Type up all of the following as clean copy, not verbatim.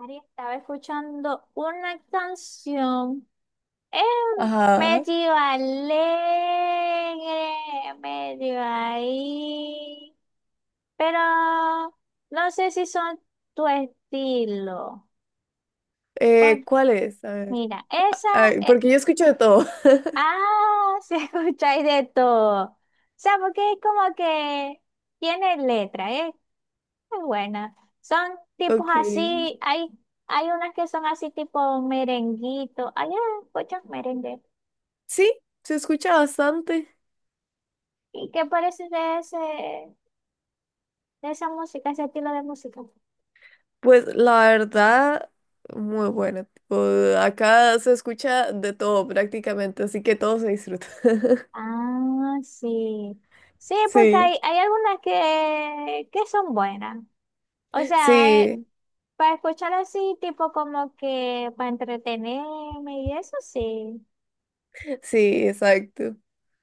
Ari, estaba escuchando una canción eh, Ajá. medio alegre, medio ahí, pero no sé si son tu estilo. Por- ¿Cuál es? A ver. mira, esa, Ay, eh, porque yo escucho de todo. Se escucháis de todo. O sea, porque es como que tiene letra, ¿eh? Es buena. Son tipos Ok. así, hay unas que son así tipo merenguito. Hay muchos merengues. Sí, se escucha bastante. ¿Y qué parece de ese, de esa música, ese estilo de música? Pues la verdad, muy buena. Tipo, acá se escucha de todo prácticamente, así que todo se disfruta. Ah, sí. Sí, porque Sí, hay algunas que son buenas. O sea, sí, para escuchar así, tipo como que para entretenerme y eso sí. sí, exacto.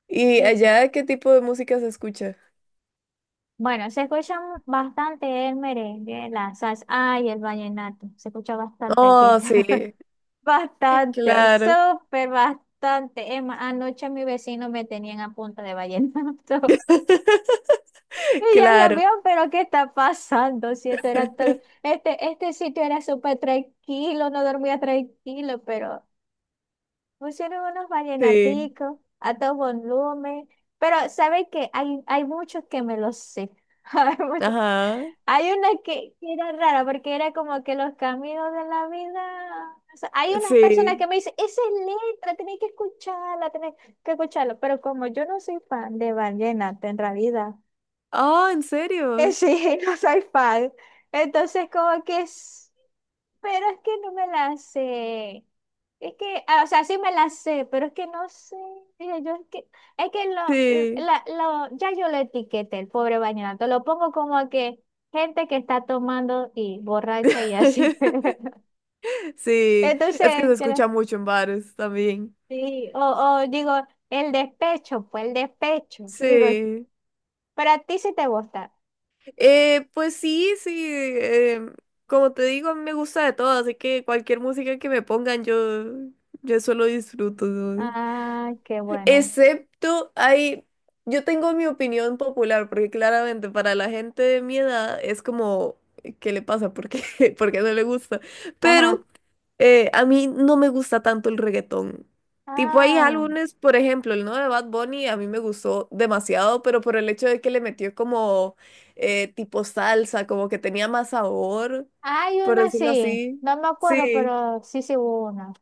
¿Y Sí. allá qué tipo de música se escucha? Bueno, se escucha bastante el merengue, la salsa, ay, el vallenato, se escucha bastante aquí. Oh, sí, Bastante, claro, súper bastante. Emma, anoche mis vecinos me tenían a punta de vallenato. Y ya, Dios claro. mío, pero ¿qué está pasando? Si esto era este, este sitio era súper tranquilo, no dormía tranquilo, pero pusieron unos Sí, vallenaticos a todo volumen. Pero, ¿saben qué? Hay muchos que me los sé. Hay muchos. ajá, Hay una que era rara porque era como que los caminos de la vida. O sea, hay unas personas sí. que me dicen, esa es letra, tenés que escucharla, tenés que escucharla. Pero como yo no soy fan de vallenato en realidad, Oh, ¿en serio? Sí, no soy fan. Entonces, como que es. Pero es que no me la sé. Es que, ah, o sea, sí me la sé, pero es que no sé. Dije yo, es que lo, Sí, la- lo- ya yo lo etiqueté, el pobre vallenato. Lo pongo como que gente que está tomando y borracha y así. sí, Entonces, es que se yo la- escucha mucho en bares también. sí, o digo, el despecho, pues el despecho. Digo, Sí, para ti sí te gusta. Pues sí, sí, em, como te digo, a mí me gusta de todo, así que cualquier música que me pongan, yo solo disfruto, ¿no? Ah, qué bueno. Excepto, hay, yo tengo mi opinión popular, porque claramente para la gente de mi edad es como, ¿qué le pasa? ¿Por qué? ¿Por qué no le gusta? Ajá. Pero... A mí no me gusta tanto el reggaetón. Tipo, hay Ah, álbumes, por ejemplo, el nuevo de Bad Bunny a mí me gustó demasiado, pero por el hecho de que le metió como tipo salsa, como que tenía más sabor, hay por una decirlo sí. así. No me acuerdo, Sí, pero sí, sí hubo una.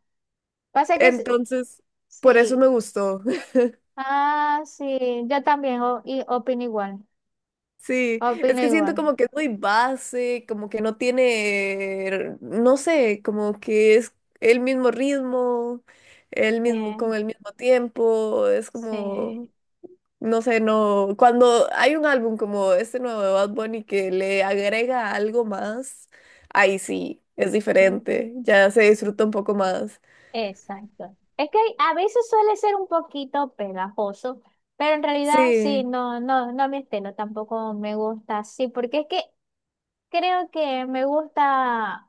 Pasa que s- entonces, por eso sí. me gustó. Ah, sí, yo también y opino igual. Sí, es Opino que igual. siento como que es muy base, como que no tiene, no sé, como que es el mismo ritmo, el mismo, con Bien, el mismo tiempo, es sí. como... No sé, no. Cuando hay un álbum como este nuevo de Bad Bunny que le agrega algo más, ahí sí, es Sí, diferente. Ya se disfruta un poco más. exacto. Es que a veces suele ser un poquito pegajoso, pero en realidad sí, Sí, no, no, no me estilo, tampoco me gusta así, porque es que creo que me gusta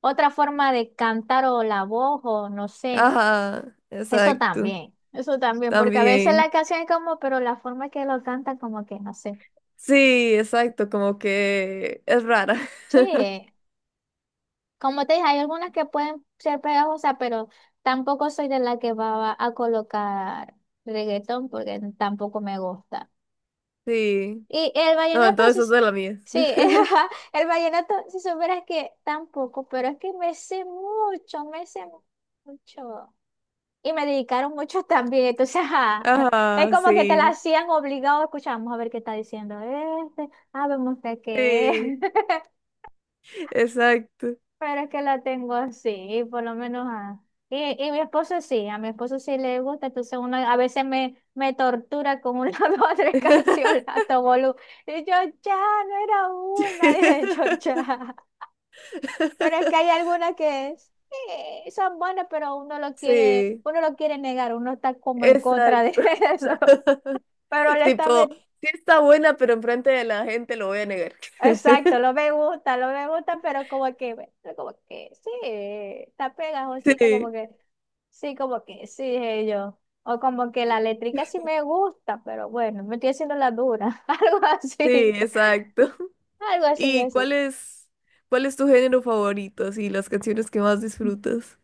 otra forma de cantar o la voz o no sé, ajá, exacto. Eso también, porque a veces la También. canción es como, pero la forma que lo cantan como que no sé. Sí, exacto, como que es rara. Sí, como te dije, hay algunas que pueden ser pegajosas, pero tampoco soy de la que va a colocar reggaetón porque tampoco me gusta. Sí. Y el No, vallenato, entonces es de la mía. sí, ajá, el vallenato, si supieras que tampoco, pero es que me sé mucho, me sé mucho. Y me dedicaron mucho también, entonces, ajá, es Ajá, como que te la sí. hacían obligado, escuchamos a ver qué está diciendo este, ah, vemos de qué es. Sí, exacto. Pero es que la tengo así, y por lo menos a... Y mi esposo sí, a mi esposo sí le gusta, entonces uno a veces me tortura con una o tres canciones a todo volu- Y yo, ya, no era una, dije yo, ya. Pero es que hay algunas que sí, son buenas, pero Sí, uno lo quiere negar, uno está como en contra de exacto. eso. Pero le está, Tipo, met- sí está buena, pero enfrente de la gente lo voy a negar. Exacto, lo me gusta, pero como que, bueno, pero como que sí, está pegajosita, Sí, como que sí, dije yo. O como que la eléctrica sí me gusta, pero bueno, me estoy haciendo la dura, sí, exacto. algo así ¿Y yo sí. Cuál es tu género favorito? Así, las canciones que más disfrutas.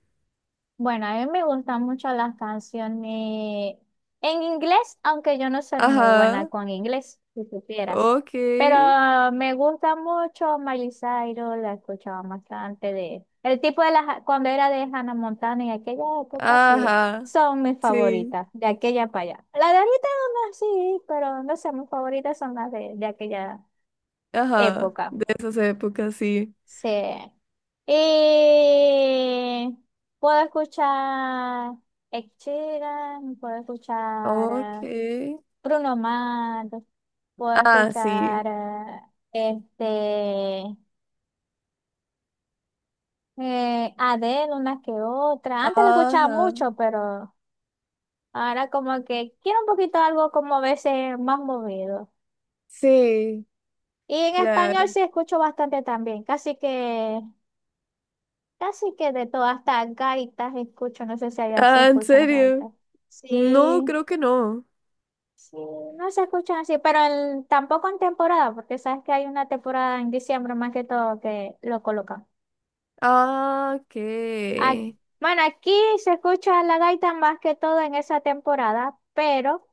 Bueno, a mí me gustan mucho las canciones en inglés, aunque yo no soy muy buena Ajá, con inglés, si supieras. Pero ok, me gusta mucho Miley Cyrus, la escuchaba bastante de... El tipo de las... Cuando era de Hannah Montana en aquella época, sí, ajá, son mis sí, favoritas, de aquella para allá. La de ahorita no, sí, pero no sé, mis favoritas son las de aquella ajá, época. de esas épocas, sí. Sí. Y puedo escuchar Ed Sheeran, puedo escuchar Ok, Bruno Mars, puedo ah, sí, escuchar este Adele una que otra. Antes la escuchaba ajá, mucho, pero ahora como que quiero un poquito algo como a veces más movido. sí, Y en español claro. sí escucho bastante también, casi que casi que de todas, hasta gaitas escucho, no sé si allá se Ah, ¿en escuchan las serio? gaitas. No, Sí, creo que no. no se escuchan así, pero en- tampoco en temporada, porque sabes que hay una temporada en diciembre más que todo que lo colocan. Ah, ok. Ac- bueno, aquí se escucha la gaita más que todo en esa temporada, pero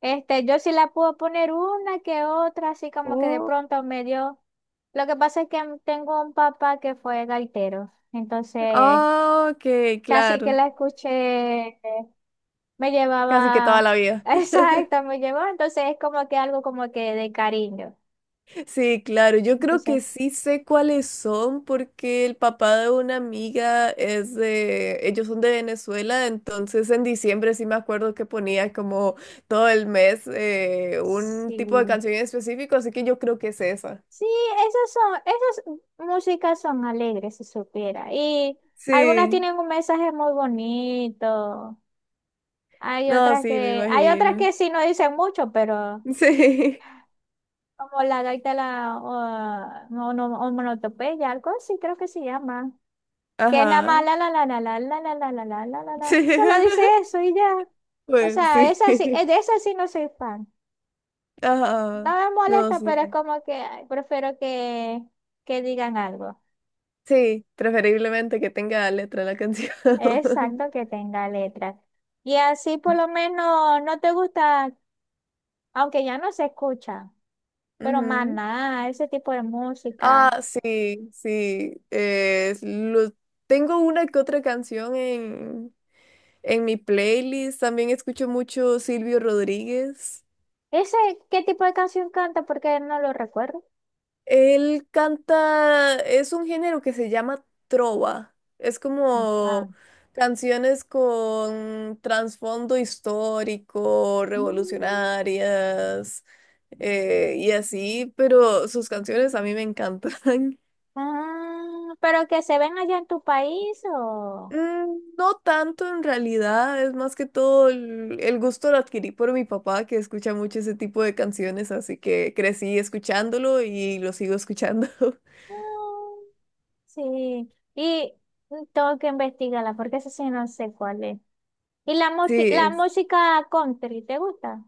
este, yo sí la puedo poner una que otra, así como que de pronto me dio. Lo que pasa es que tengo un papá que fue gaitero, entonces Ah, ok, casi que claro. la escuché. Me Casi que toda llevaba, la vida. exacto, me llevó, entonces es como que algo como que de cariño. Sí, claro. Yo creo Entonces, que sí sé cuáles son porque el papá de una amiga es de... Ellos son de Venezuela, entonces en diciembre sí me acuerdo que ponía como todo el mes un sí, tipo de canción en específico, así que yo creo que es esa. sí, esas son, esas músicas son alegres, si supiera. Y algunas Sí. tienen un mensaje muy bonito. No, sí, me Hay otras imagino. que sí no dicen mucho, pero Sí. como la gaita de la o, o monotopeya, algo así creo que se llama. Que nada más Ajá. la la la la la la la la la la la la Sí. la. Solo dice eso y ya. O Pues sea, sí. esa sí, de esa sí no soy fan. No Ajá. me No, molesta, pero es sí. como que ay, prefiero que digan algo. Sí, preferiblemente que tenga letra la canción. Exacto, que tenga letras. Y así por lo menos no te gusta, aunque ya no se escucha, pero más Ujú. nada, ese tipo de música. Ah, sí, sí. Es lo- tengo una que otra canción en mi playlist. También escucho mucho Silvio Rodríguez. ¿Ese qué tipo de canción canta? Porque no lo recuerdo. Él canta, es un género que se llama trova. Es Ah. como canciones con trasfondo histórico, Mm. revolucionarias y así, pero sus canciones a mí me encantan. Ah, pero que se ven allá en tu país o... Mm, no tanto en realidad, es más que todo el gusto lo adquirí por mi papá que escucha mucho ese tipo de canciones, así que crecí escuchándolo y lo sigo escuchando. Ah, sí, y mm, tengo que investigarla porque eso sí no sé cuál es. ¿Y la, la Sí, música country, te gusta?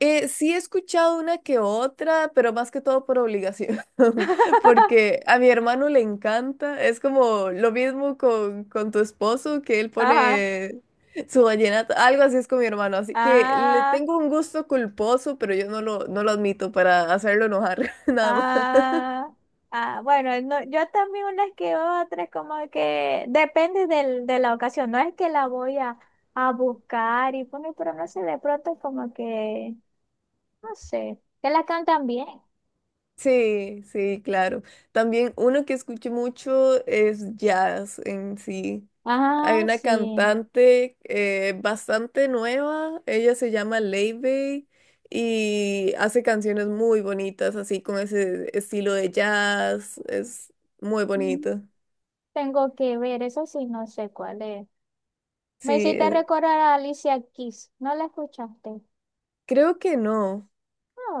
Sí he escuchado una que otra, pero más que todo por obligación, porque a mi hermano le encanta, es como lo mismo con tu esposo, que él Ajá. pone su vallenato, algo así es con mi hermano, así que le Ah, tengo un gusto culposo, pero yo no lo, no lo admito para hacerlo enojar, nada. ah, ah. Bueno, no, yo también unas que otras, como que depende de la ocasión. No es que la voy a buscar y poner, pero no sé, de pronto como que, no sé, que la cantan bien. Sí, sí, claro. También uno que escuché mucho es jazz en sí. Hay Ah, una sí. cantante bastante nueva, ella se llama Leibey y hace canciones muy bonitas, así con ese estilo de jazz, es muy Mm, bonito. tengo que ver, eso sí, no sé cuál es. Me Sí, hiciste recordar a Alicia Keys, ¿no la escuchaste? creo que no.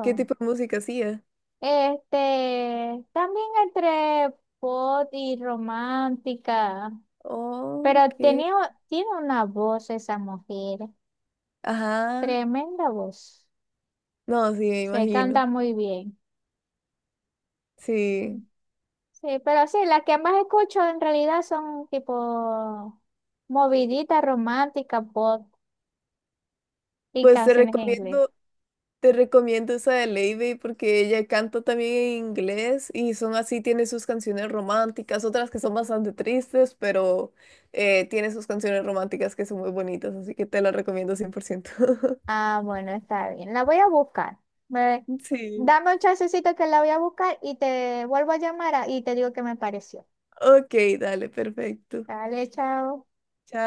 ¿Qué tipo de música hacía? Este, también entre pop y romántica, Oh, pero ok, tenía, tiene una voz esa mujer, ajá. tremenda voz. No, sí, me Se imagino. canta muy bien. Sí, Sí, pero sí, las que más escucho en realidad son tipo movidita romántica, pop y pues te canciones en inglés. recomiendo. Te recomiendo esa de Lady porque ella canta también en inglés y son así, tiene sus canciones románticas, otras que son bastante tristes, pero tiene sus canciones románticas que son muy bonitas, así que te la recomiendo 100%. Ah, bueno, está bien. La voy a buscar. Me- Sí. Dame un chancecito que la voy a buscar y te vuelvo a llamar y te digo qué me pareció. Ok, dale, perfecto. Dale, chao. Chao.